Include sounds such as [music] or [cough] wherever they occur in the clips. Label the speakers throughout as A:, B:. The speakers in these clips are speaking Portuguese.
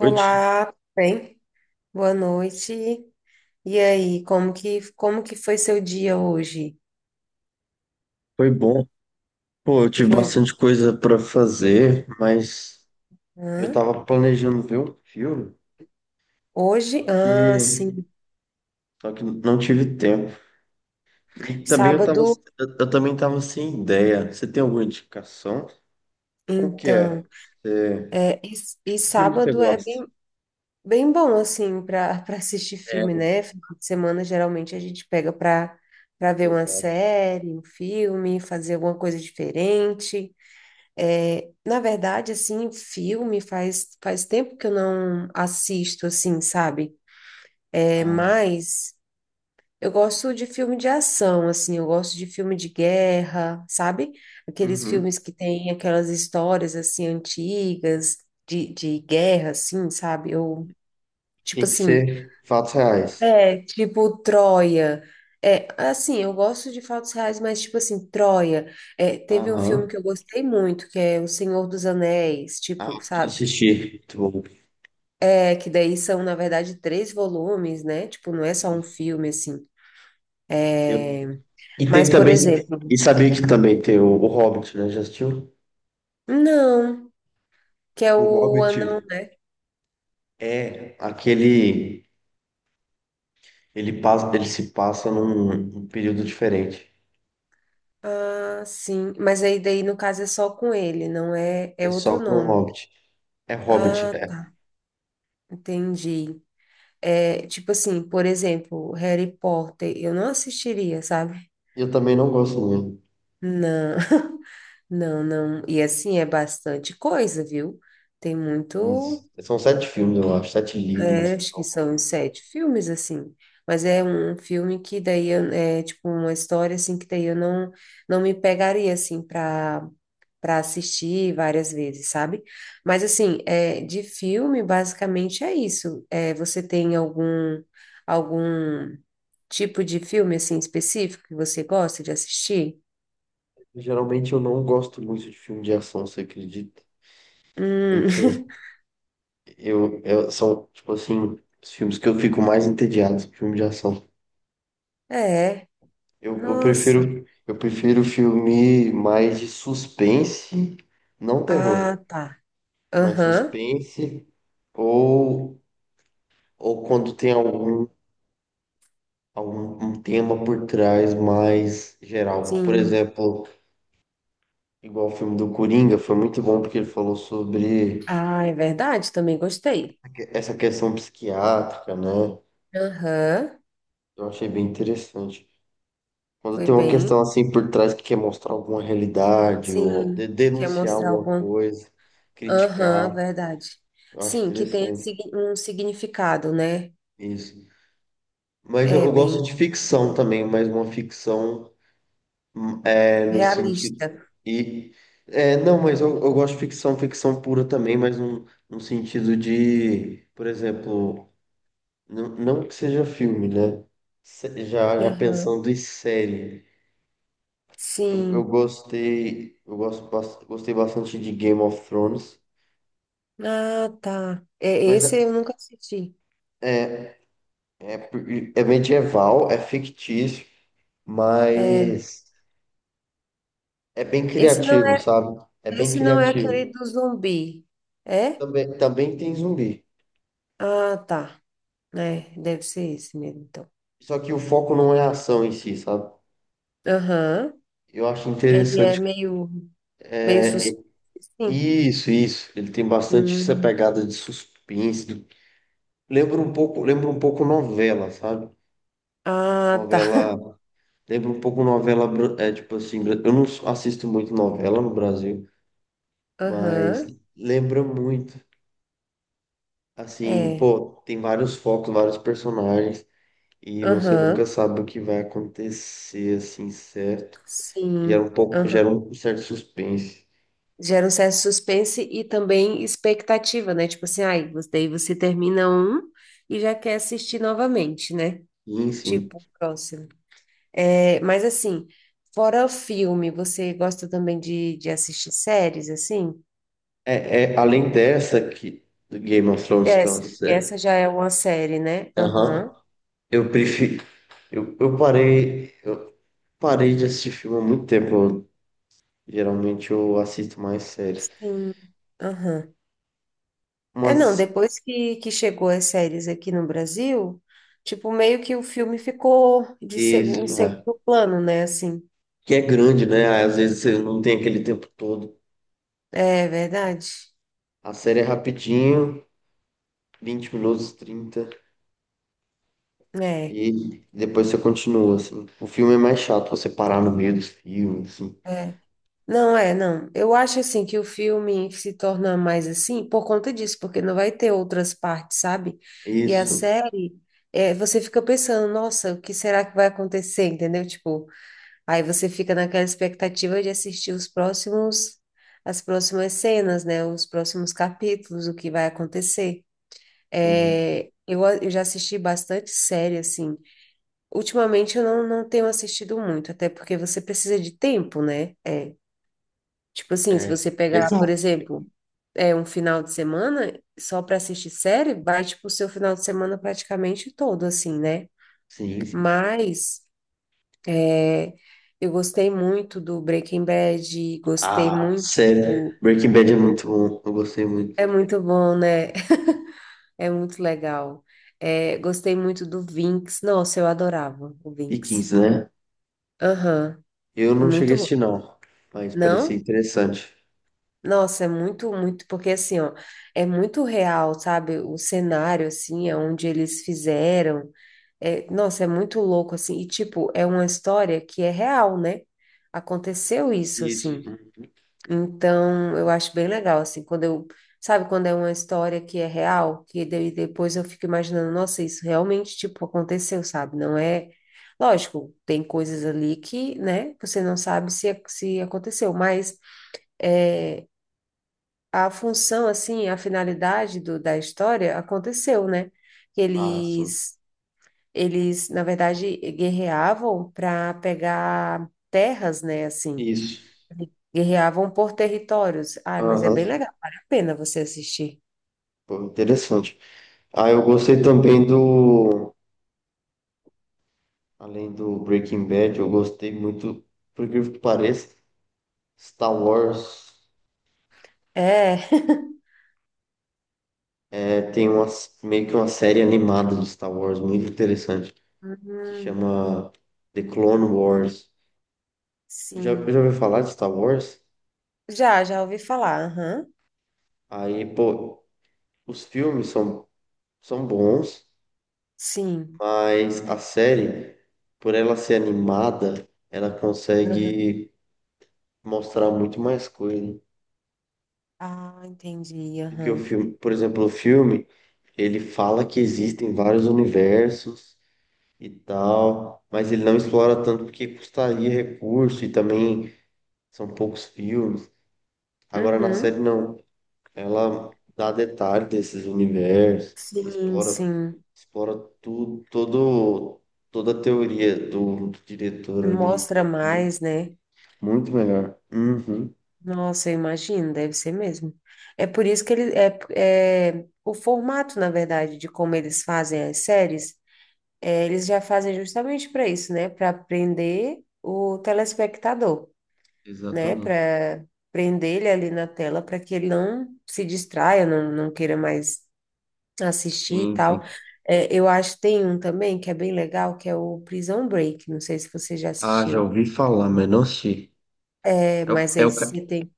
A: Noite.
B: tudo bem? Boa noite. E aí, como que foi seu dia hoje?
A: Foi bom. Pô, eu tive
B: Foi
A: bastante coisa pra fazer, mas eu
B: hã?
A: tava planejando ver um filme,
B: Hoje?
A: só
B: Ah,
A: que,
B: sim.
A: só que não tive tempo. E também eu tava,
B: Sábado,
A: eu também tava sem ideia. Você tem alguma indicação? Qual que
B: então.
A: é?
B: É, e, e
A: Que filme que você
B: sábado é
A: gosta?
B: bem, bem bom assim para [laughs] assistir
A: É,
B: filme, né? Final de semana geralmente a gente pega para ver uma
A: exato.
B: série, um filme, fazer alguma coisa diferente. É, na verdade, assim, filme faz tempo que eu não assisto assim, sabe? É
A: Ah,
B: mais, eu gosto de filme de ação, assim, eu gosto de filme de guerra, sabe? Aqueles
A: uhum.
B: filmes que tem aquelas histórias, assim, antigas, de guerra, assim, sabe? Eu, tipo
A: Tem que
B: assim,
A: ser fatos reais.
B: é, tipo Troia. É, assim, eu gosto de fatos reais, mas tipo assim, Troia. É, teve um filme
A: Aham.
B: que eu gostei muito, que é O Senhor dos Anéis,
A: Ah,
B: tipo,
A: que
B: sabe?
A: assistir. Muito bom.
B: É, que daí são, na verdade, três volumes, né? Tipo, não é só um
A: Isso.
B: filme, assim.
A: Eu-
B: É,
A: E tem
B: mas, por
A: também,
B: exemplo,
A: e sabia que também tem o Hobbit, né? Já assistiu?
B: não, que é
A: O
B: o
A: Hobbit
B: anão. Né?
A: é aquele. Ele passa, ele se passa num período diferente.
B: Ah, sim. Mas aí daí no caso é só com ele, não é? É
A: É
B: outro
A: só com o
B: nome.
A: Hobbit. É Hobbit,
B: Ah,
A: é.
B: tá. Entendi. É tipo assim, por exemplo, Harry Potter, eu não assistiria, sabe?
A: Eu também não gosto muito.
B: Não, [laughs] não. E assim é bastante coisa, viu? Tem muito.
A: Isso. São 7 filmes, eu acho, sete
B: É,
A: livros.
B: acho que são uns sete filmes assim. Mas é um filme que daí eu- é tipo uma história assim que daí eu não me pegaria assim para assistir várias vezes, sabe? Mas assim, é, de filme, basicamente é isso. É, você tem algum tipo de filme assim específico que você gosta de assistir?
A: Geralmente eu não gosto muito de filme de ação, você acredita? Então,
B: Hum,
A: eu são, tipo assim, os filmes que eu fico mais entediado, filme de ação.
B: [laughs] é. Nossa.
A: Eu prefiro filme mais de suspense, não terror.
B: Ah, tá.
A: Mais
B: Aham.
A: suspense, ou, ou quando tem algum um tema por trás mais geral. Por
B: Sim.
A: exemplo, igual o filme do Coringa, foi muito bom porque ele falou sobre
B: Ah, é verdade, também gostei.
A: essa questão psiquiátrica, né?
B: Aham.
A: Eu achei bem interessante. Quando
B: Foi
A: tem uma
B: bem.
A: questão assim por trás que quer mostrar alguma realidade ou
B: Sim, que quer
A: denunciar
B: mostrar
A: alguma
B: algum.
A: coisa,
B: Aham,
A: criticar,
B: verdade.
A: eu acho
B: Sim, que tem
A: interessante
B: sig- um significado, né?
A: isso. Mas eu
B: É
A: eu gosto
B: bem
A: de ficção também, mas uma ficção. É, no sentido.
B: realista.
A: E, é, não, mas eu gosto de ficção, ficção pura também, mas num sentido de, por exemplo, não que seja filme, né? Já
B: Aham.
A: pensando em série. Eu
B: Sim.
A: gostei, eu gosto, bas- gostei bastante de Game of Thrones,
B: Ah, tá. É,
A: mas
B: esse
A: é,
B: eu nunca assisti.
A: é, é por- é medieval, é fictício,
B: É.
A: mas é bem
B: Esse não
A: criativo,
B: é,
A: sabe? É bem
B: esse não é aquele
A: criativo.
B: do zumbi. É?
A: Também, também tem zumbi.
B: Ah, tá. É, deve ser esse mesmo, então.
A: Só que o foco não é a ação em si, sabe?
B: Aham.
A: Eu acho
B: Ele é
A: interessante.
B: meio, meio
A: É, é-
B: suspeito, sim.
A: isso, isso. Ele tem bastante essa
B: Hum.
A: pegada de suspense. Lembra um pouco novela, sabe?
B: Ah, tá.
A: Novela, lembra um pouco novela, é tipo assim, bra- eu não s- assisto muito novela no Brasil,
B: [laughs]
A: mas
B: Aham.
A: lembra muito. Assim,
B: É.
A: pô, tem vários focos, vários personagens e você nunca
B: Aham.
A: sabe o que vai acontecer assim, certo?
B: Sim.
A: Gera
B: Aham.
A: um certo suspense.
B: Gera um certo suspense e também expectativa, né? Tipo assim, ai, você- daí você termina um e já quer assistir novamente, né?
A: Sim, sim.
B: Tipo, o próximo. É, mas assim, fora o filme, você gosta também de assistir séries, assim?
A: É, é, além dessa aqui, do Game of Thrones, que é uma
B: Essa,
A: série.
B: essa já é uma série, né?
A: Aham.
B: Aham.
A: Eu prefiro. Eu parei de assistir filme há muito tempo. Geralmente eu assisto mais séries.
B: Sim. Aham. É, não,
A: Mas
B: depois que chegou as séries aqui no Brasil, tipo, meio que o filme ficou de
A: isso,
B: segundo, em
A: é,
B: segundo plano, né? Assim,
A: que é grande, né? Às vezes você não tem aquele tempo todo.
B: é verdade.
A: A série é rapidinho, 20 minutos, 30
B: É,
A: e depois você continua, assim. O filme é mais chato, você parar no meio dos filmes, assim.
B: é. Não, é, não. Eu acho assim que o filme se torna mais assim por conta disso, porque não vai ter outras partes, sabe? E a
A: Isso.
B: série, é, você fica pensando, nossa, o que será que vai acontecer, entendeu? Tipo, aí você fica naquela expectativa de assistir os próximos, as próximas cenas, né? Os próximos capítulos, o que vai acontecer.
A: Sim.
B: É, eu, a- eu já assisti bastante série, assim. Ultimamente eu não tenho assistido muito, até porque você precisa de tempo, né? É, tipo assim, se você
A: É.
B: pegar, por
A: Exato.
B: exemplo, é um final de semana só para assistir série, vai tipo o seu final de semana praticamente todo, assim, né?
A: Sim, sim.
B: Mas é, eu gostei muito do Breaking Bad, gostei
A: Ah,
B: muito.
A: sério. Breaking Bad é muito bom. Eu gostei muito.
B: É muito bom, né? [laughs] É muito legal. É, gostei muito do Vinx. Nossa, eu adorava o
A: E
B: Vinx.
A: 15, né?
B: Aham,
A: Eu
B: é
A: não cheguei a
B: muito bom.
A: assistir, não. Mas parecia
B: Não?
A: interessante.
B: Nossa, é porque assim, ó, é muito real, sabe? O cenário, assim, é onde eles fizeram. É, nossa, é muito louco, assim. E, tipo, é uma história que é real, né? Aconteceu isso,
A: Isso.
B: assim. Então, eu acho bem legal, assim, quando eu. Sabe, quando é uma história que é real, que daí depois eu fico imaginando, nossa, isso realmente, tipo, aconteceu, sabe? Não é. Lógico, tem coisas ali que, né, você não sabe se aconteceu, mas. É, a função, assim, a finalidade do, da história aconteceu, né? Que
A: Ah, sim.
B: eles, na verdade, guerreavam para pegar terras, né? Assim,
A: Isso.
B: guerreavam por territórios. Ai, mas é
A: Aham.
B: bem legal, vale a pena você assistir.
A: Pô, interessante. Ah, eu gostei também do. Além do Breaking Bad, eu gostei muito, por incrível que pareça, Star Wars.
B: É. [laughs]
A: É, tem uma, meio que uma série animada do Star Wars muito interessante que
B: Uhum,
A: chama The Clone Wars. Já, já
B: sim.
A: ouviu falar de Star Wars?
B: Já ouvi falar. Aham.
A: Aí, pô, os filmes são, são bons,
B: Sim.
A: mas a série, por ela ser animada, ela
B: Aham.
A: consegue mostrar muito mais coisa
B: Ah, entendi.
A: do que o
B: Aham.
A: filme. Por exemplo, o filme, ele fala que existem vários universos e tal, mas ele não explora tanto porque custaria recurso e também são poucos filmes. Agora na
B: Uhum.
A: série não. Ela dá detalhe desses universos,
B: Sim,
A: explora,
B: sim.
A: explora tudo, todo, toda a teoria do diretor ali.
B: Mostra
A: É bem-
B: mais, né?
A: muito melhor. Uhum,
B: Nossa, eu imagino, deve ser mesmo. É por isso que eles é, é o formato, na verdade, de como eles fazem as séries, é, eles já fazem justamente para isso, né? Para prender o telespectador, né?
A: exatamente.
B: Para prender ele ali na tela para que ele não se distraia, não queira mais assistir e
A: Sim, sim.
B: tal. É, eu acho que tem um também que é bem legal, que é o Prison Break. Não sei se você já
A: Ah, já
B: assistiu,
A: ouvi falar, mas não sei.
B: é,
A: É, o-
B: mas
A: é,
B: aí
A: o, ca-
B: você tem que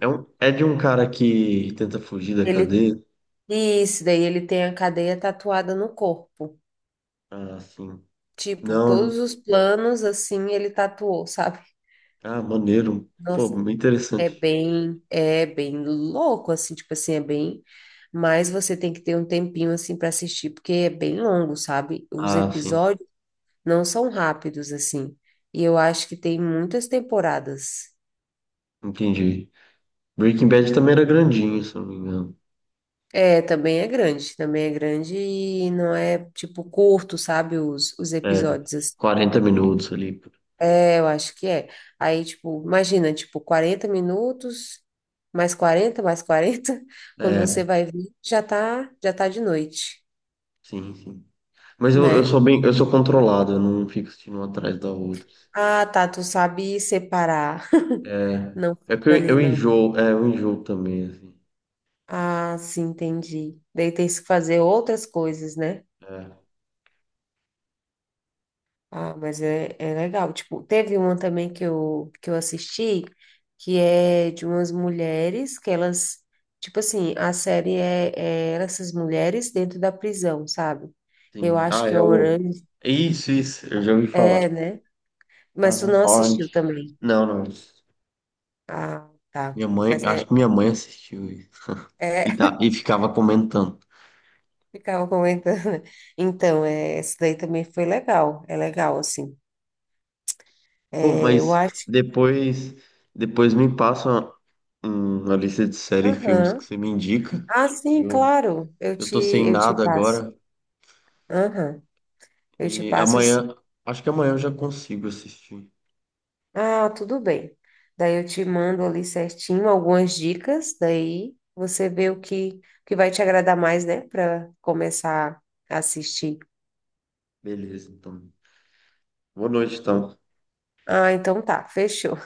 A: é, um, é de um cara que tenta fugir da
B: Ele
A: cadeia?
B: isso, daí ele tem a cadeia tatuada no corpo.
A: Ah, sim.
B: Tipo,
A: Não.
B: todos os planos, assim, ele tatuou, sabe?
A: Ah, maneiro. Pô,
B: Nossa,
A: muito interessante.
B: é bem louco, assim, tipo assim, é bem. Mas você tem que ter um tempinho, assim, para assistir, porque é bem longo, sabe? Os
A: Ah, sim.
B: episódios não são rápidos, assim. E eu acho que tem muitas temporadas.
A: Entendi. Breaking Bad também era grandinho, se eu não me engano.
B: É, também é grande e não é, tipo, curto, sabe? Os
A: É,
B: episódios,
A: 40 minutos ali.
B: é, eu acho que é. Aí, tipo, imagina, tipo, 40 minutos, mais 40 mais 40 [laughs] quando você
A: É,
B: vai ver, já tá de noite,
A: sim, sim. Mas
B: né?
A: eu sou controlado, eu não fico assistindo uma atrás da outra.
B: Ah, tá, tu sabe separar. [laughs]
A: É,
B: Não
A: é que
B: fica ali,
A: eu
B: não.
A: enjoo, é, eu enjoo também, assim.
B: Ah, sim, entendi. Daí tem que fazer outras coisas, né?
A: É,
B: Ah, mas é, é legal. Tipo, teve uma também que eu assisti, que é de umas mulheres que elas, tipo assim, a série é, é essas mulheres dentro da prisão, sabe? Eu
A: sim.
B: acho
A: Ah,
B: que é
A: é o...
B: Orange,
A: Isso, eu já ouvi falar.
B: é, né? Mas tu
A: Aham.
B: não assistiu
A: Orange.
B: também.
A: Não, não.
B: Ah, tá.
A: Minha mãe,
B: Mas
A: acho
B: é,
A: que minha mãe assistiu isso. E,
B: é,
A: tá, e ficava comentando.
B: [laughs] ficava comentando. Né? Então, é, essa daí também foi legal. É legal, assim.
A: Pô,
B: É, eu
A: mas
B: acho.
A: depois, depois me passa uma, uma lista de série e filmes que
B: Aham.
A: você me indica.
B: Ah, sim,
A: Eu,
B: claro. Eu
A: eu
B: te,
A: tô sem
B: eu te
A: nada
B: passo.
A: agora.
B: Aham. Eu te
A: E
B: passo assim.
A: amanhã, acho que amanhã eu já consigo assistir.
B: Ah, tudo bem. Daí eu te mando ali certinho algumas dicas, daí você vê o que vai te agradar mais, né, para começar a assistir.
A: Beleza, então. Boa noite, então.
B: Ah, então tá, fechou.